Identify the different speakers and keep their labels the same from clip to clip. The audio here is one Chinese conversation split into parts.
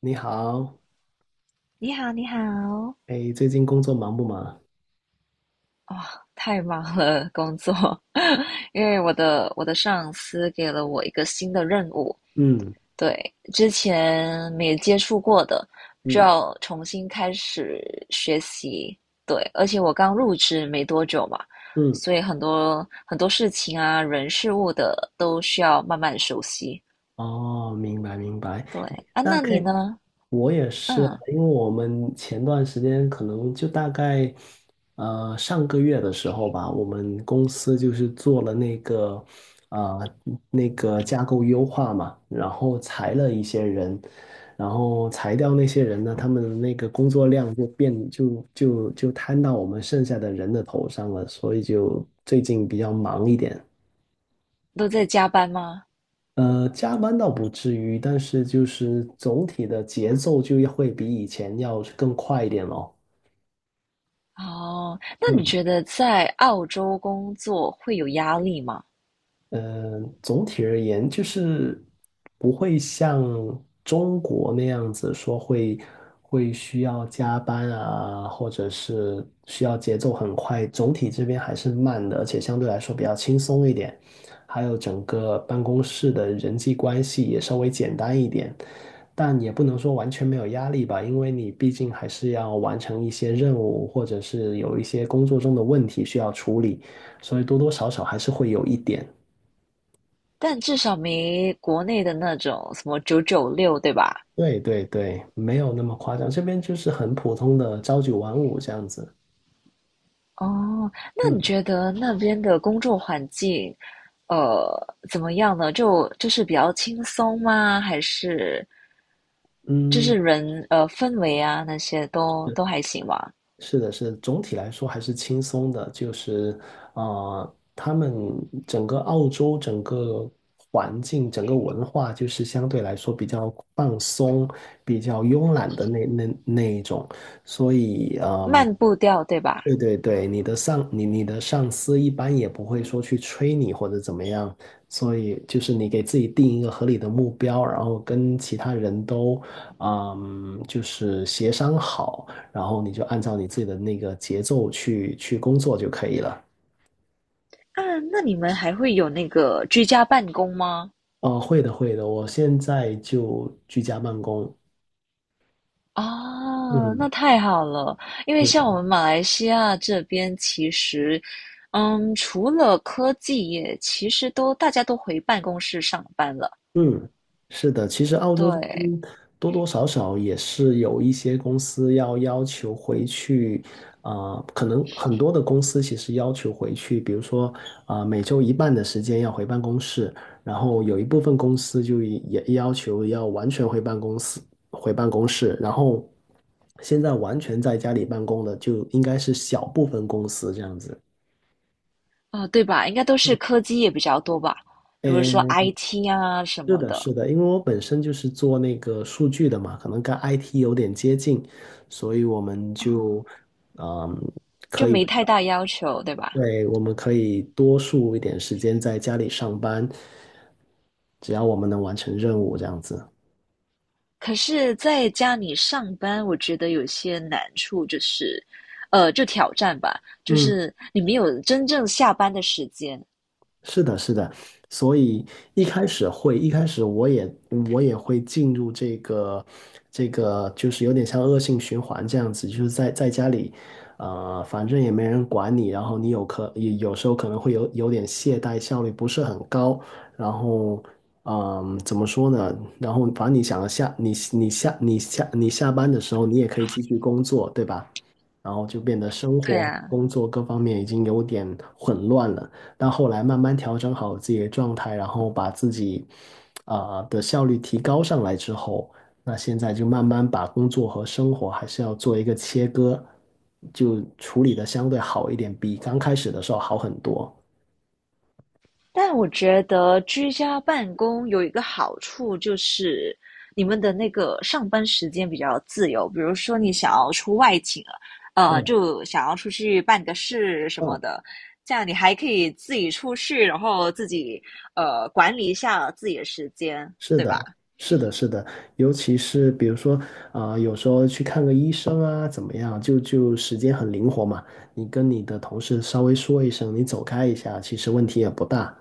Speaker 1: 你好，
Speaker 2: 你好，你好。
Speaker 1: 哎，最近工作忙不忙？
Speaker 2: 哇，太忙了，工作。因为我的上司给了我一个新的任务，
Speaker 1: 嗯
Speaker 2: 对，之前没接触过的，就
Speaker 1: 嗯
Speaker 2: 要重新开始学习。对，而且我刚入职没多久嘛，
Speaker 1: 嗯，
Speaker 2: 所以很多很多事情啊，人事物的都需要慢慢熟悉。
Speaker 1: 哦，明白明白。
Speaker 2: 对。啊，
Speaker 1: 那
Speaker 2: 那
Speaker 1: 可
Speaker 2: 你
Speaker 1: 以，
Speaker 2: 呢？
Speaker 1: 我也是啊，
Speaker 2: 嗯，
Speaker 1: 因为我们前段时间可能就大概，上个月的时候吧，我们公司就是做了那个，呃，那个架构优化嘛，然后裁了一些人，然后裁掉那些人呢，他们的那个工作量就变就就就摊到我们剩下的人的头上了，所以就最近比较忙一点。
Speaker 2: 都在加班吗？
Speaker 1: 呃，加班倒不至于，但是就是总体的节奏就要会比以前要更快一点咯。
Speaker 2: 哦，那你
Speaker 1: 嗯，
Speaker 2: 觉得在澳洲工作会有压力吗？
Speaker 1: 嗯，总体而言，就是不会像中国那样子说会需要加班啊，或者是需要节奏很快。总体这边还是慢的，而且相对来说比较轻松一点。还有整个办公室的人际关系也稍微简单一点，但也不能说完全没有压力吧，因为你毕竟还是要完成一些任务，或者是有一些工作中的问题需要处理，所以多多少少还是会有一点。
Speaker 2: 但至少没国内的那种什么九九六，对吧？
Speaker 1: 对对对，没有那么夸张，这边就是很普通的朝九晚五这样子。
Speaker 2: 哦，那你
Speaker 1: 嗯，
Speaker 2: 觉得那边的工作环境，呃，怎么样呢？就是比较轻松吗？还是就是
Speaker 1: 嗯，
Speaker 2: 人氛围啊那些都还行吗？
Speaker 1: 是的，是的，总体来说还是轻松的，就是，呃，他们整个澳洲整个环境、整个文化，就是相对来说比较放松、比较慵懒的那一种，所以，嗯、
Speaker 2: 慢步调，对吧？
Speaker 1: 对对对，你的上司一般也不会说去催你或者怎么样，所以就是你给自己定一个合理的目标，然后跟其他人都，嗯，就是协商好。然后你就按照你自己的那个节奏去工作就可以了。
Speaker 2: 啊，那你们还会有那个居家办公吗？
Speaker 1: 哦，会的，会的，我现在就居家办公。
Speaker 2: 哦，
Speaker 1: 嗯，
Speaker 2: 那太好了。因为像我们马来西亚这边，其实，嗯，除了科技业，其实都大家都回办公室上班了。
Speaker 1: 嗯，是的，其实澳洲这边
Speaker 2: 对。
Speaker 1: 多多少少也是有一些公司要求回去，啊、可能很多的公司其实要求回去，比如说啊、每周一半的时间要回办公室，然后有一部分公司就也也要求要完全回办公室，回办公室，然后现在完全在家里办公的就应该是小部分公司这样子。
Speaker 2: 啊、对吧？应该都是科技业比较多吧，比如说 IT 啊什
Speaker 1: 是
Speaker 2: 么
Speaker 1: 的，
Speaker 2: 的，
Speaker 1: 是的，因为我本身就是做那个数据的嘛，可能跟 IT 有点接近，所以我们就，嗯，
Speaker 2: 就
Speaker 1: 可以，
Speaker 2: 没太大要求，对吧？
Speaker 1: 对，我们可以多数一点时间在家里上班，只要我们能完成任务这样子。
Speaker 2: 可是在家里上班，我觉得有些难处，就是，就挑战吧，就
Speaker 1: 嗯。
Speaker 2: 是你没有真正下班的时间。
Speaker 1: 是的，是的，所以一开始会，一开始我也会进入这个，就是有点像恶性循环这样子，就是在家里，呃，反正也没人管你，然后你有可有有时候可能会有点懈怠，效率不是很高，然后嗯，怎么说呢？然后反正你想要下你你下你下你下班的时候，你也可以继续工作，对吧？然后就变得生
Speaker 2: 对
Speaker 1: 活、
Speaker 2: 啊。
Speaker 1: 工作各方面已经有点混乱了。但后来慢慢调整好自己的状态，然后把自己啊、的效率提高上来之后，那现在就慢慢把工作和生活还是要做一个切割，就处理的相对好一点，比刚开始的时候好很多。
Speaker 2: 但我觉得居家办公有一个好处就是，你们的那个上班时间比较自由。比如说你想要出外景了，
Speaker 1: 嗯
Speaker 2: 就想要出去办个事什么
Speaker 1: 嗯，
Speaker 2: 的，这样你还可以自己出去，然后自己管理一下自己的时间，
Speaker 1: 是
Speaker 2: 对吧？
Speaker 1: 的，是的，是的，尤其是比如说，啊、有时候去看个医生啊，怎么样，就时间很灵活嘛。你跟你的同事稍微说一声，你走开一下，其实问题也不大。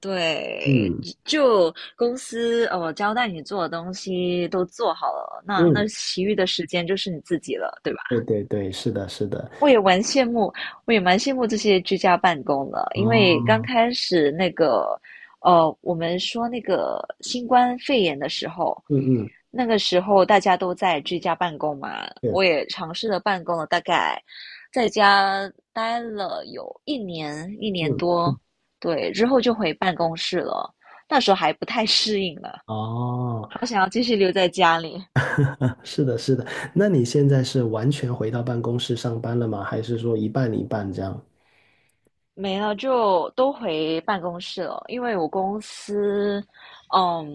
Speaker 2: 对，
Speaker 1: 嗯
Speaker 2: 就公司交代你做的东西都做好了，那
Speaker 1: 嗯，
Speaker 2: 其余的时间就是你自己了，对吧？
Speaker 1: 对对对，是的，是的。
Speaker 2: 我也蛮羡慕，我也蛮羡慕这些居家办公的。因为刚
Speaker 1: 哦，
Speaker 2: 开始那个，呃，我们说那个新冠肺炎的时候，
Speaker 1: 嗯嗯，
Speaker 2: 那个时候大家都在居家办公嘛，
Speaker 1: 对，
Speaker 2: 我也尝试了办公了，大概在家待了有一年一年
Speaker 1: 嗯，
Speaker 2: 多。对，之后就回办公室了，那时候还不太适应了，
Speaker 1: 哦，
Speaker 2: 好想要继续留在家里。
Speaker 1: 是的，是的。那你现在是完全回到办公室上班了吗？还是说一半一半这样？
Speaker 2: 没了，就都回办公室了。因为我公司，嗯，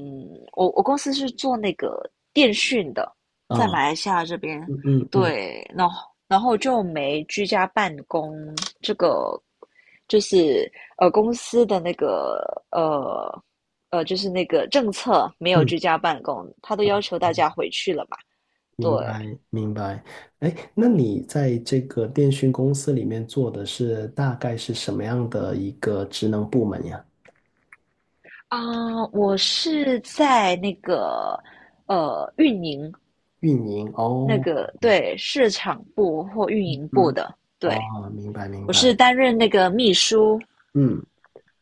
Speaker 2: 我公司是做那个电讯的，
Speaker 1: 啊，
Speaker 2: 在马来西亚这边。
Speaker 1: 嗯嗯嗯
Speaker 2: 对，然后然后就没居家办公这个，就是公司的那个呃就是那个政策没有
Speaker 1: 嗯
Speaker 2: 居家办公，他都要求大家回去了嘛。对。
Speaker 1: 明白，明白。哎，那你在这个电讯公司里面做的是大概是什么样的一个职能部门呀？
Speaker 2: 啊，我是在那个运营，
Speaker 1: 运营
Speaker 2: 那
Speaker 1: 哦，
Speaker 2: 个对市场部或运营部
Speaker 1: 嗯，
Speaker 2: 的，对，
Speaker 1: 哦，明白，明
Speaker 2: 我是
Speaker 1: 白。
Speaker 2: 担任那个秘书。
Speaker 1: 嗯，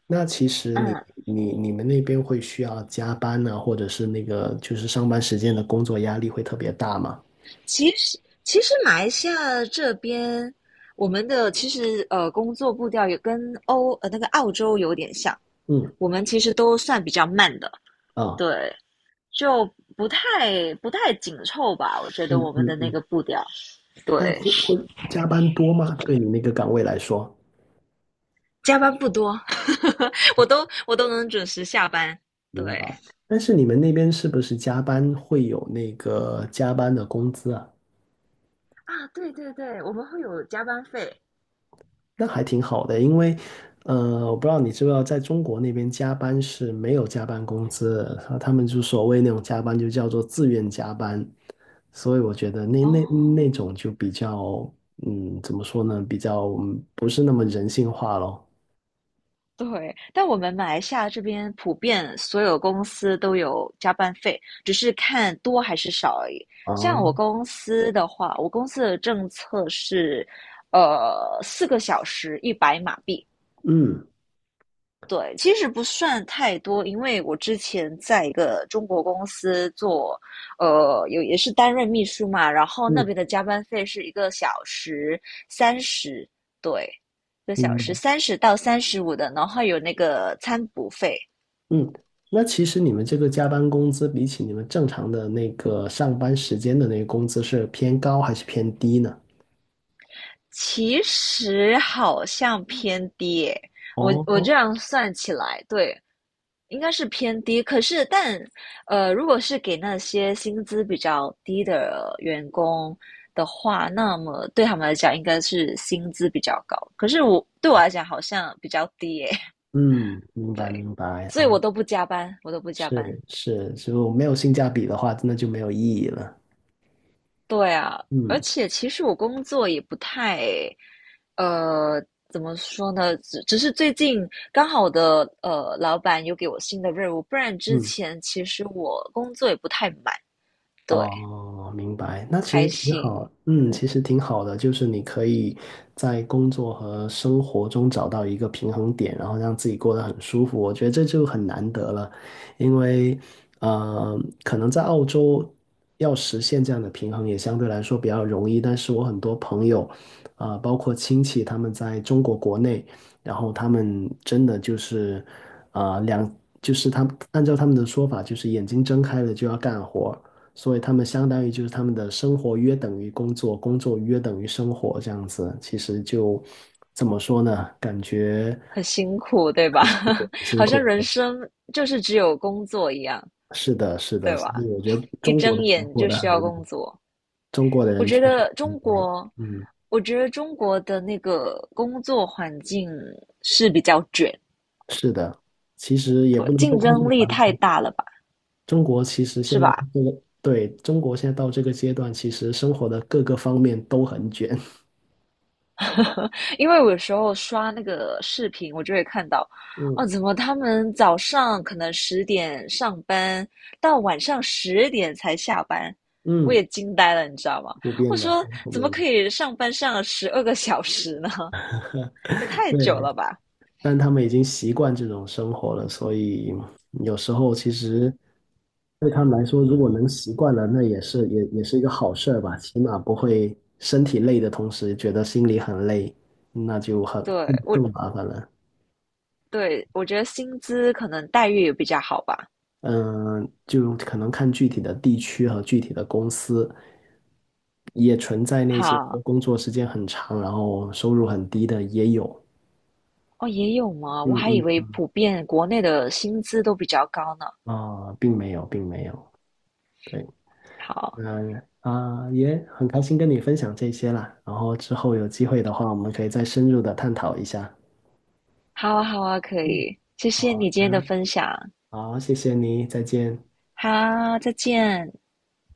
Speaker 1: 那其实你
Speaker 2: 嗯，
Speaker 1: 你们那边会需要加班呢，或者是那个就是上班时间的工作压力会特别大吗？
Speaker 2: 其实其实马来西亚这边我们的其实工作步调也跟那个澳洲有点像，
Speaker 1: 嗯
Speaker 2: 我们其实都算比较慢的。
Speaker 1: 啊，
Speaker 2: 对，就不太不太紧凑吧，我觉得
Speaker 1: 嗯
Speaker 2: 我们
Speaker 1: 嗯
Speaker 2: 的那
Speaker 1: 嗯，
Speaker 2: 个步调。
Speaker 1: 但
Speaker 2: 对，
Speaker 1: 加班多吗？对你那个岗位来说？
Speaker 2: 加班不多，我都能准时下班。
Speaker 1: 明
Speaker 2: 对。
Speaker 1: 白。但是你们那边是不是加班会有那个加班的工资啊？
Speaker 2: 啊，对对对，我们会有加班费。
Speaker 1: 那还挺好的，因为，呃，我不知道你知不知道，在中国那边加班是没有加班工资的，然后他们就所谓那种加班就叫做自愿加班，所以我觉得那那那
Speaker 2: 哦，
Speaker 1: 种就比较，嗯，怎么说呢，比较嗯不是那么人性化咯。
Speaker 2: 对，但我们马来西亚这边普遍所有公司都有加班费，只是看多还是少而已。像
Speaker 1: 啊，
Speaker 2: 我公司的话，我公司的政策是，四个小时100马币。
Speaker 1: 嗯
Speaker 2: 对，其实不算太多，因为我之前在一个中国公司做，呃，有也是担任秘书嘛，然后那
Speaker 1: 嗯，
Speaker 2: 边的加班费是一个小时三十，对，一个小时
Speaker 1: 嗯。
Speaker 2: 三十到三十五的，然后有那个餐补费。
Speaker 1: 嗯，那其实你们这个加班工资比起你们正常的那个上班时间的那个工资是偏高还是偏低呢？
Speaker 2: 其实好像偏低诶，我我
Speaker 1: 哦，
Speaker 2: 这样算起来，对，应该是偏低。可是但如果是给那些薪资比较低的员工的话，那么对他们来讲应该是薪资比较高。可是我对我来讲好像比较低耶。
Speaker 1: 嗯，明白
Speaker 2: 对，
Speaker 1: 明白
Speaker 2: 所以
Speaker 1: 哦，
Speaker 2: 我都不加班，我都不加班。
Speaker 1: 是是，就没有性价比的话，那就没有意义了。
Speaker 2: 对啊，而
Speaker 1: 嗯
Speaker 2: 且其实我工作也不太，呃，怎么说呢？只是最近刚好我的老板有给我新的任务，不然之
Speaker 1: 嗯。
Speaker 2: 前其实我工作也不太满。对，
Speaker 1: 哦，明白。那其实
Speaker 2: 还
Speaker 1: 挺
Speaker 2: 行，
Speaker 1: 好，嗯，
Speaker 2: 嗯，
Speaker 1: 其实挺好的，就是你可以在工作和生活中找到一个平衡点，然后让自己过得很舒服。我觉得这就很难得了，因为呃，可能在澳洲要实现这样的平衡也相对来说比较容易，但是我很多朋友啊、呃包括亲戚，他们在中国国内，然后他们真的就是啊、呃两。就是他们按照他们的说法，就是眼睛睁开了就要干活，所以他们相当于就是他们的生活约等于工作，工作约等于生活这样子。其实就怎么说呢？感觉
Speaker 2: 很辛苦，对吧？
Speaker 1: 很辛 苦，很辛
Speaker 2: 好像
Speaker 1: 苦。
Speaker 2: 人生就是只有工作一样，
Speaker 1: 是的，是的，
Speaker 2: 对
Speaker 1: 所
Speaker 2: 吧？
Speaker 1: 以我觉得
Speaker 2: 一
Speaker 1: 中国的
Speaker 2: 睁
Speaker 1: 人
Speaker 2: 眼
Speaker 1: 过
Speaker 2: 就
Speaker 1: 得
Speaker 2: 需要
Speaker 1: 很，
Speaker 2: 工作。
Speaker 1: 中国的
Speaker 2: 我
Speaker 1: 人确
Speaker 2: 觉
Speaker 1: 实
Speaker 2: 得
Speaker 1: 很
Speaker 2: 中
Speaker 1: 累。
Speaker 2: 国，
Speaker 1: 嗯，
Speaker 2: 我觉得中国的那个工作环境是比较卷。
Speaker 1: 是，其实也
Speaker 2: 对，
Speaker 1: 不能说
Speaker 2: 竞
Speaker 1: 工作
Speaker 2: 争力
Speaker 1: 环
Speaker 2: 太
Speaker 1: 境，
Speaker 2: 大了吧，
Speaker 1: 中国其实
Speaker 2: 是
Speaker 1: 现在
Speaker 2: 吧？
Speaker 1: 这个，对，中国现在到这个阶段，其实生活的各个方面都很卷。
Speaker 2: 因为我有时候刷那个视频，我就会看到，
Speaker 1: 嗯
Speaker 2: 哦，怎么他们早上可能十点上班，到晚上10点才下班，我
Speaker 1: 嗯，
Speaker 2: 也惊呆了，你知道吗？
Speaker 1: 普
Speaker 2: 我
Speaker 1: 遍的，
Speaker 2: 说
Speaker 1: 很普
Speaker 2: 怎么
Speaker 1: 遍的。
Speaker 2: 可以上班上12个小时呢？也太久
Speaker 1: 对，
Speaker 2: 了吧？
Speaker 1: 但他们已经习惯这种生活了，所以有时候其实对他们来说，如果能习惯了，那也是也是一个好事儿吧，起码不会身体累的同时觉得心里很累，那就很更
Speaker 2: 对，我，
Speaker 1: 更麻烦了。
Speaker 2: 对，我觉得薪资可能待遇也比较好吧。
Speaker 1: 嗯，就可能看具体的地区和具体的公司，也存在那些
Speaker 2: 哈，
Speaker 1: 工作时间很长，然后收入很低的也有。
Speaker 2: 哦，也有吗？我
Speaker 1: 嗯
Speaker 2: 还以为
Speaker 1: 嗯，
Speaker 2: 普遍国内的薪资都比较高呢。
Speaker 1: 啊，并没有，并没有。
Speaker 2: 好，
Speaker 1: 嗯啊，也很开心跟你分享这些啦。然后之后有机会的话，我们可以再深入的探讨一下。
Speaker 2: 好啊，好啊，可以，谢谢你今天的
Speaker 1: 嗯，
Speaker 2: 分享。
Speaker 1: 好，谢谢你，再见。
Speaker 2: 好，再见。